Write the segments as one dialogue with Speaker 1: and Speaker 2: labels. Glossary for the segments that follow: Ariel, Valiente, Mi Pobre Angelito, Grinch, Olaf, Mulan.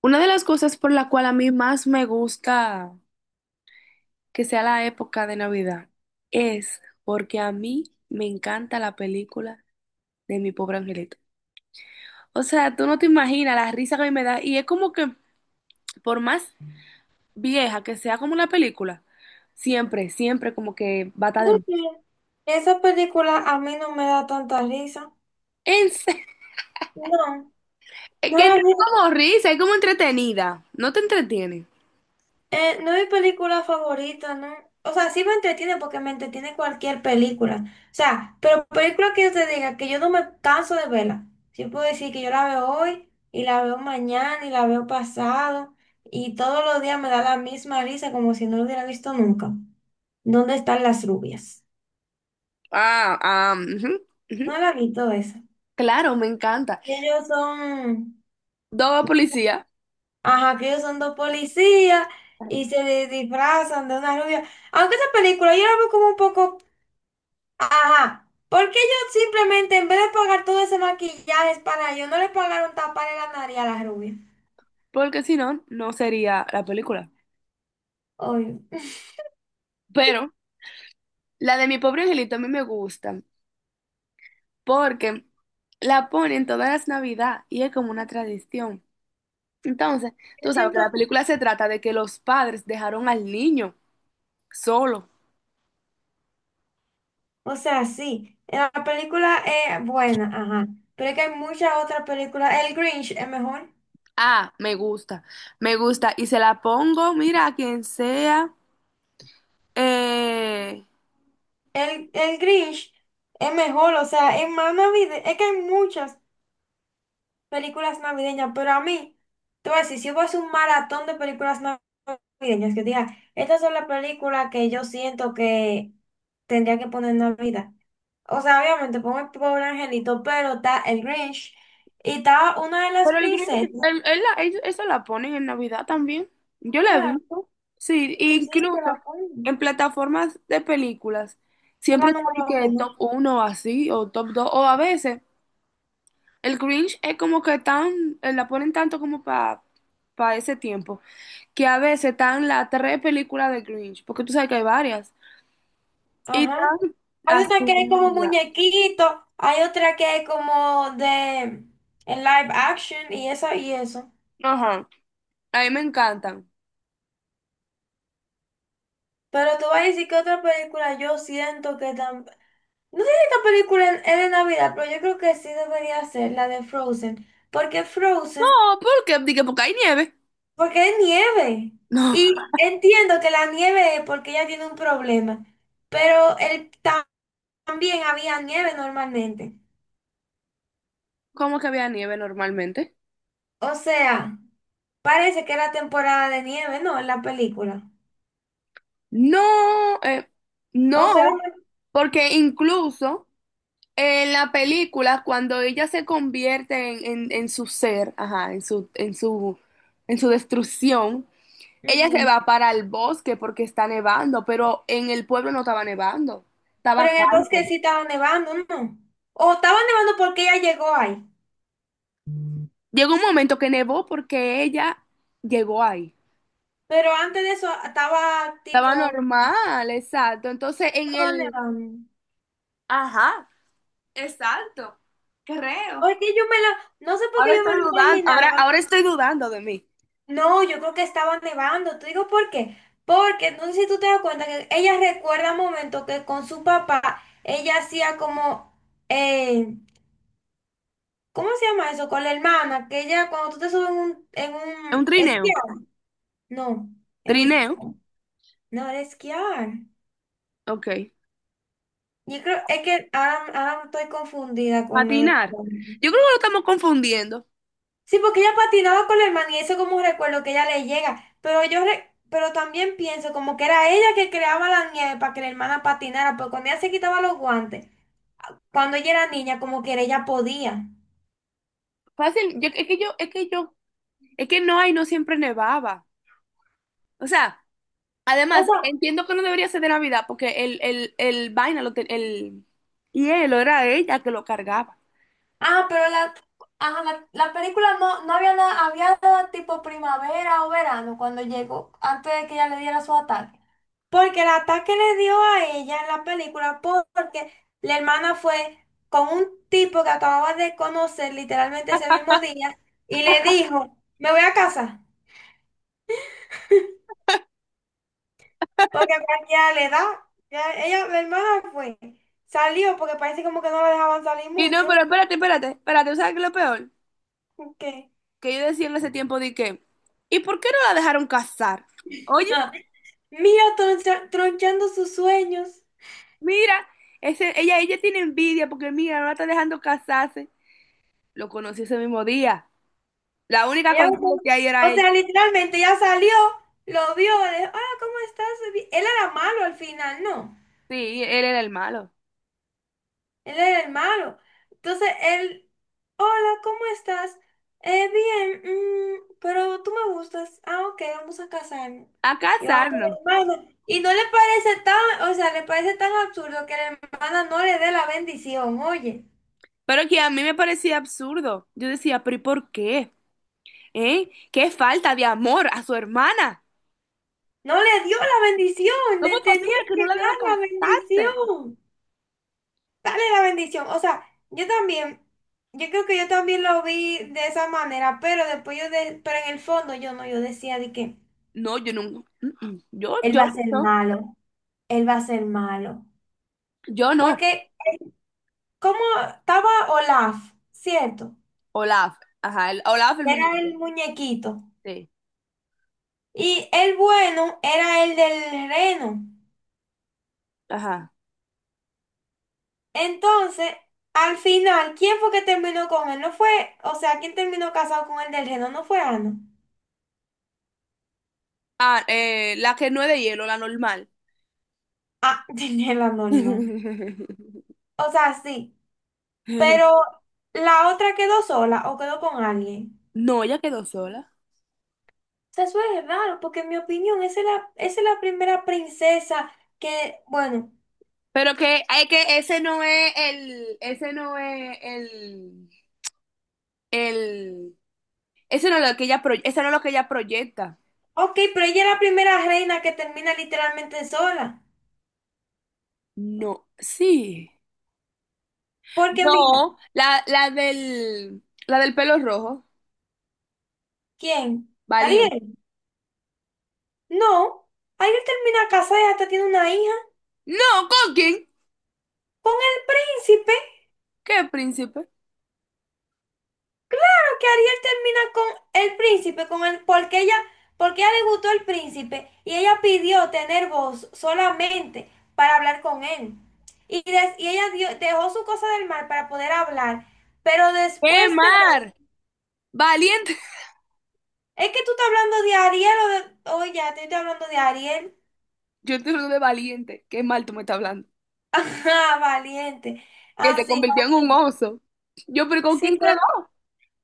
Speaker 1: Una de las cosas por la cual a mí más me gusta que sea la época de Navidad es porque a mí me encanta la película de Mi Pobre Angelito. O sea, tú no te imaginas la risa que a mí me da y es como que por más vieja que sea como la película, siempre, siempre como que va a estar de...
Speaker 2: Oye, esa película a mí no me da tanta risa.
Speaker 1: En serio,
Speaker 2: No,
Speaker 1: es
Speaker 2: no
Speaker 1: que no
Speaker 2: es
Speaker 1: es
Speaker 2: mi,
Speaker 1: como risa, es como entretenida, no te entretiene.
Speaker 2: no es mi película favorita, ¿no? O sea, sí me entretiene porque me entretiene cualquier película. O sea, pero película que yo te diga que yo no me canso de verla. Yo puedo decir que yo la veo hoy y la veo mañana y la veo pasado y todos los días me da la misma risa como si no lo hubiera visto nunca. ¿Dónde están las rubias?
Speaker 1: Ah, ah, ujú, ujú.
Speaker 2: No la he visto esa.
Speaker 1: Claro, me encanta.
Speaker 2: Ellos son...
Speaker 1: Dos policías,
Speaker 2: Ajá, que ellos son dos policías y disfrazan de una rubia. Aunque esa película yo la veo como un poco, ajá, porque qué ellos simplemente en vez de pagar todo ese maquillaje es para ellos, ¿no le pagaron tapar la nariz a la rubia?
Speaker 1: porque si no, no sería la película.
Speaker 2: Oye, yo
Speaker 1: Pero la de mi pobre angelito a mí me gusta porque la ponen todas las Navidad y es como una tradición. Entonces, tú sabes que
Speaker 2: siento,
Speaker 1: la película se trata de que los padres dejaron al niño solo.
Speaker 2: o sea, sí, la película es buena, ajá, pero es que hay muchas otras películas. El Grinch es mejor.
Speaker 1: Ah, me gusta, me gusta. Y se la pongo, mira, a quien sea. eh,
Speaker 2: El Grinch es mejor, o sea, es más navideño, es que hay muchas películas navideñas, pero a mí, tú ves, si hubo hacer un maratón de películas navideñas, que diga, estas son las películas que yo siento que tendría que poner en Navidad. O sea, obviamente pongo el pobre angelito, pero está el Grinch y está una de las
Speaker 1: Pero el Grinch,
Speaker 2: princesas.
Speaker 1: eso la ponen en Navidad también. Yo la he
Speaker 2: Claro,
Speaker 1: visto. Sí,
Speaker 2: sí,
Speaker 1: incluso
Speaker 2: te la ponen.
Speaker 1: en plataformas de películas.
Speaker 2: Es
Speaker 1: Siempre
Speaker 2: la
Speaker 1: está de
Speaker 2: número
Speaker 1: que top
Speaker 2: uno.
Speaker 1: uno o así, o top 2 o a veces el Grinch es como que tan, la ponen tanto como para ese tiempo, que a veces están las tres películas de Grinch, porque tú sabes que hay varias. Y
Speaker 2: Ajá.
Speaker 1: están
Speaker 2: Hay una
Speaker 1: así,
Speaker 2: que es como
Speaker 1: ya.
Speaker 2: muñequito, hay otra que es como de en live action y eso y eso.
Speaker 1: Ajá, a mí me encantan.
Speaker 2: Pero tú vas a decir que otra película yo siento que también... No sé si esta película es de Navidad, pero yo creo que sí debería ser la de Frozen. Porque Frozen,
Speaker 1: No, ¿por qué? Dije, porque hay nieve.
Speaker 2: porque es nieve.
Speaker 1: No,
Speaker 2: Y entiendo que la nieve es porque ella tiene un problema. Pero él ta- También había nieve normalmente.
Speaker 1: ¿cómo que había nieve normalmente?
Speaker 2: O sea, parece que era temporada de nieve, ¿no? En la película.
Speaker 1: No, eh,
Speaker 2: O
Speaker 1: no,
Speaker 2: solamente...
Speaker 1: porque incluso en la película, cuando ella se convierte en, en su ser, ajá, en su destrucción, ella se
Speaker 2: Ujú.
Speaker 1: va para el bosque porque está nevando, pero en el pueblo no estaba nevando,
Speaker 2: Pero
Speaker 1: estaba
Speaker 2: en el bosque
Speaker 1: calmo.
Speaker 2: sí estaba nevando, ¿no? O estaba nevando porque ella llegó ahí.
Speaker 1: Llegó un momento que nevó porque ella llegó ahí.
Speaker 2: Pero antes de eso estaba tipo,
Speaker 1: Estaba normal, exacto. Entonces en
Speaker 2: ¿para dónde
Speaker 1: el...
Speaker 2: vamos?
Speaker 1: Ajá, exacto, creo.
Speaker 2: Oye, yo me lo, no sé por
Speaker 1: Ahora
Speaker 2: qué yo me lo
Speaker 1: estoy dudando,
Speaker 2: imaginaba.
Speaker 1: ahora estoy dudando de mí.
Speaker 2: No, yo creo que estaba nevando. ¿Te digo por qué? Porque no sé si tú te das cuenta que ella recuerda momentos que con su papá ella hacía como, eh, ¿cómo se llama eso? Con la hermana, que ella cuando tú te subes en un, en
Speaker 1: Es un
Speaker 2: un
Speaker 1: trineo.
Speaker 2: esquiar. No, era
Speaker 1: Trineo,
Speaker 2: esquiar. No, era esquiar.
Speaker 1: ok.
Speaker 2: Yo creo, es que ahora estoy confundida con lo de...
Speaker 1: Patinar. Yo creo que lo estamos confundiendo.
Speaker 2: Sí, porque ella patinaba con la hermana y eso como un recuerdo que ella le llega. Pero también pienso como que era ella que creaba la nieve para que la hermana patinara, pero cuando ella se quitaba los guantes, cuando ella era niña, como que ella podía.
Speaker 1: Fácil, es que yo, es que no hay, no siempre nevaba. O sea,
Speaker 2: O
Speaker 1: además,
Speaker 2: sea,
Speaker 1: entiendo que no debería ser de Navidad porque el vaina, el hielo era ella que lo cargaba.
Speaker 2: ah, pero ajá, la película no, no había nada, había nada tipo primavera o verano cuando llegó, antes de que ella le diera su ataque. Porque el ataque le dio a ella en la película porque la hermana fue con un tipo que acababa de conocer literalmente ese mismo día y le dijo, me voy a casa, porque ya le da, ya ella, la hermana fue, salió porque parece como que no la dejaban salir
Speaker 1: Y no,
Speaker 2: mucho,
Speaker 1: pero espérate, espérate, espérate, ¿sabes qué es lo peor?
Speaker 2: que
Speaker 1: Que yo decía en ese tiempo de que, ¿y por qué no la dejaron casar? Oye.
Speaker 2: mira tronchando sus sueños.
Speaker 1: Mira, ella tiene envidia porque mira, no la está dejando casarse. Lo conocí ese mismo día. La única
Speaker 2: Ella me com-
Speaker 1: consigo que hay era
Speaker 2: O
Speaker 1: ella.
Speaker 2: sea, literalmente ya salió, lo vio, le dijo, hola, ¿cómo estás? Bi-". Él era malo al final, no,
Speaker 1: Sí, él era el malo.
Speaker 2: él era el malo. Entonces él, hola, ¿cómo estás? Bien, mm, pero tú me gustas. Ah, ok, vamos a casarnos.
Speaker 1: A
Speaker 2: Y vamos con
Speaker 1: casarnos.
Speaker 2: la hermana. Y no le parece tan, o sea, le parece tan absurdo que la hermana no le dé la bendición, oye.
Speaker 1: Pero que a mí me parecía absurdo. Yo decía, pero ¿y por qué? ¿Eh? ¿Qué falta de amor a su hermana?
Speaker 2: No le dio la bendición,
Speaker 1: ¿Cómo
Speaker 2: le
Speaker 1: es posible
Speaker 2: tenía
Speaker 1: que
Speaker 2: que
Speaker 1: no la dejó
Speaker 2: dar la
Speaker 1: casarse?
Speaker 2: bendición. Dale la bendición. O sea, yo también, yo creo que yo también lo vi de esa manera, pero después yo, de, pero en el fondo yo no, yo decía de que
Speaker 1: No, yo nunca. Mm, mm.
Speaker 2: él va a ser
Speaker 1: No.
Speaker 2: malo, él va a ser malo.
Speaker 1: Yo no.
Speaker 2: Porque como estaba Olaf, ¿cierto?
Speaker 1: Olaf. Ajá, el, Olaf el
Speaker 2: Era el
Speaker 1: muñeco.
Speaker 2: muñequito.
Speaker 1: Sí.
Speaker 2: Y el bueno era el del reno.
Speaker 1: Ajá.
Speaker 2: Entonces, al final, ¿quién fue que terminó con él? No fue, o sea, ¿quién terminó casado con el del reno? No fue Ana.
Speaker 1: Ah, la que no es de hielo, la normal.
Speaker 2: Ah, tenía la norma. O sea, sí. Pero la otra quedó sola o quedó con alguien.
Speaker 1: No, ella quedó sola.
Speaker 2: O sea, eso es raro, porque en mi opinión, esa es la primera princesa que, bueno,
Speaker 1: Pero que, hay que ese no es el, ese no es lo que ella proyecta.
Speaker 2: ok, pero ella es la primera reina que termina literalmente sola.
Speaker 1: No, sí.
Speaker 2: Porque mira,
Speaker 1: No, la del pelo rojo,
Speaker 2: ¿quién?
Speaker 1: valiente.
Speaker 2: ¿Ariel? No, Ariel termina casada y hasta tiene una hija
Speaker 1: No, ¿con quién?
Speaker 2: con el príncipe.
Speaker 1: ¿Qué príncipe?
Speaker 2: ¿Por qué Ariel termina con el príncipe? Con el, porque ella, porque a ella le gustó el príncipe y ella pidió tener voz solamente para hablar con él. Y ella dejó su cosa del mal para poder hablar, pero
Speaker 1: ¡Qué
Speaker 2: después de...
Speaker 1: mar! Valiente.
Speaker 2: Es que tú estás hablando de Ariel o de... Oye, ya te estoy hablando de Ariel.
Speaker 1: Yo te hablo de valiente. Qué mal tú me estás hablando.
Speaker 2: Ajá, valiente.
Speaker 1: Que
Speaker 2: Ah,
Speaker 1: se
Speaker 2: sí,
Speaker 1: convirtió en un
Speaker 2: valiente.
Speaker 1: oso. Yo, pero ¿con
Speaker 2: Sí,
Speaker 1: quién quedó?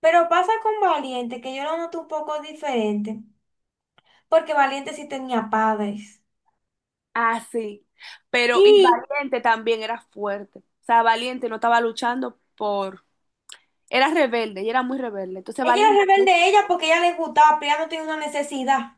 Speaker 2: pero pasa con valiente, que yo lo noto un poco diferente, porque valiente sí tenía padres.
Speaker 1: Ah, sí. Pero y
Speaker 2: Y
Speaker 1: Valiente también era fuerte. O sea, Valiente no estaba luchando por... Era rebelde, ella era muy rebelde. Entonces
Speaker 2: Ella era
Speaker 1: Valiente, ¿no?
Speaker 2: rebelde ella porque ella les gustaba, pero ella no tenía una necesidad.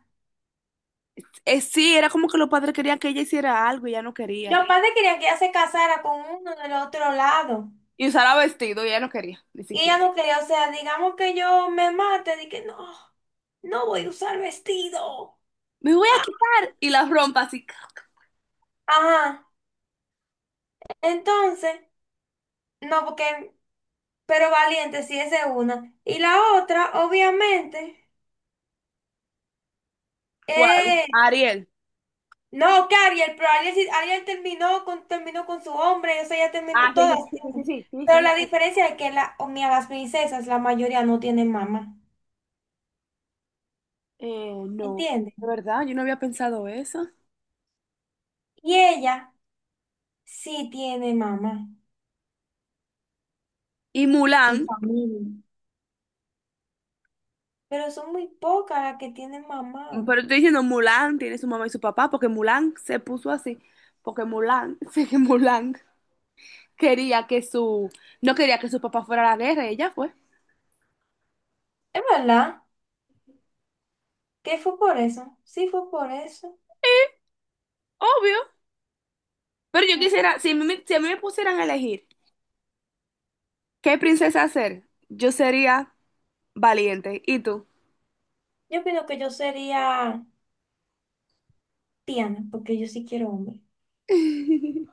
Speaker 1: Sí, era como que los padres querían que ella hiciera algo y ella no quería.
Speaker 2: Los padres querían que ella se casara con uno del otro lado.
Speaker 1: Y usara vestido y ella no quería, ni
Speaker 2: Y ella
Speaker 1: siquiera.
Speaker 2: no quería, o sea, digamos que yo me mate, dije, no, no voy a usar vestido.
Speaker 1: Me voy a
Speaker 2: Ah,
Speaker 1: quitar y la rompa así.
Speaker 2: ajá. Entonces, no, porque, pero valiente, sí, esa es una. Y la otra, obviamente,
Speaker 1: ¿Cuál?
Speaker 2: es
Speaker 1: Ariel.
Speaker 2: no, que Ariel, Ariel terminó con su hombre, o sea, ya terminó
Speaker 1: Ah, sí, sí,
Speaker 2: todas.
Speaker 1: sí, sí,
Speaker 2: Tienen.
Speaker 1: sí, sí, sí.
Speaker 2: Pero la
Speaker 1: sí.
Speaker 2: diferencia es que o mira, las princesas, la mayoría no tienen mamá,
Speaker 1: No,
Speaker 2: ¿entiendes?
Speaker 1: de verdad, yo no había pensado eso.
Speaker 2: Y ella sí tiene mamá
Speaker 1: Y
Speaker 2: y
Speaker 1: Mulan.
Speaker 2: familia, pero son muy pocas las que tienen mamá.
Speaker 1: Pero estoy diciendo Mulan tiene su mamá y su papá, porque Mulan se puso así, porque Mulan, sé que Mulan quería que su, no quería que su papá fuera a la guerra, y ella fue.
Speaker 2: Es verdad, que fue por eso, sí fue por eso.
Speaker 1: Obvio. Pero yo quisiera, si a mí, si a mí me pusieran a elegir qué princesa ser, yo sería valiente. ¿Y tú?
Speaker 2: Yo opino que yo sería Tiana, porque yo sí quiero hombre.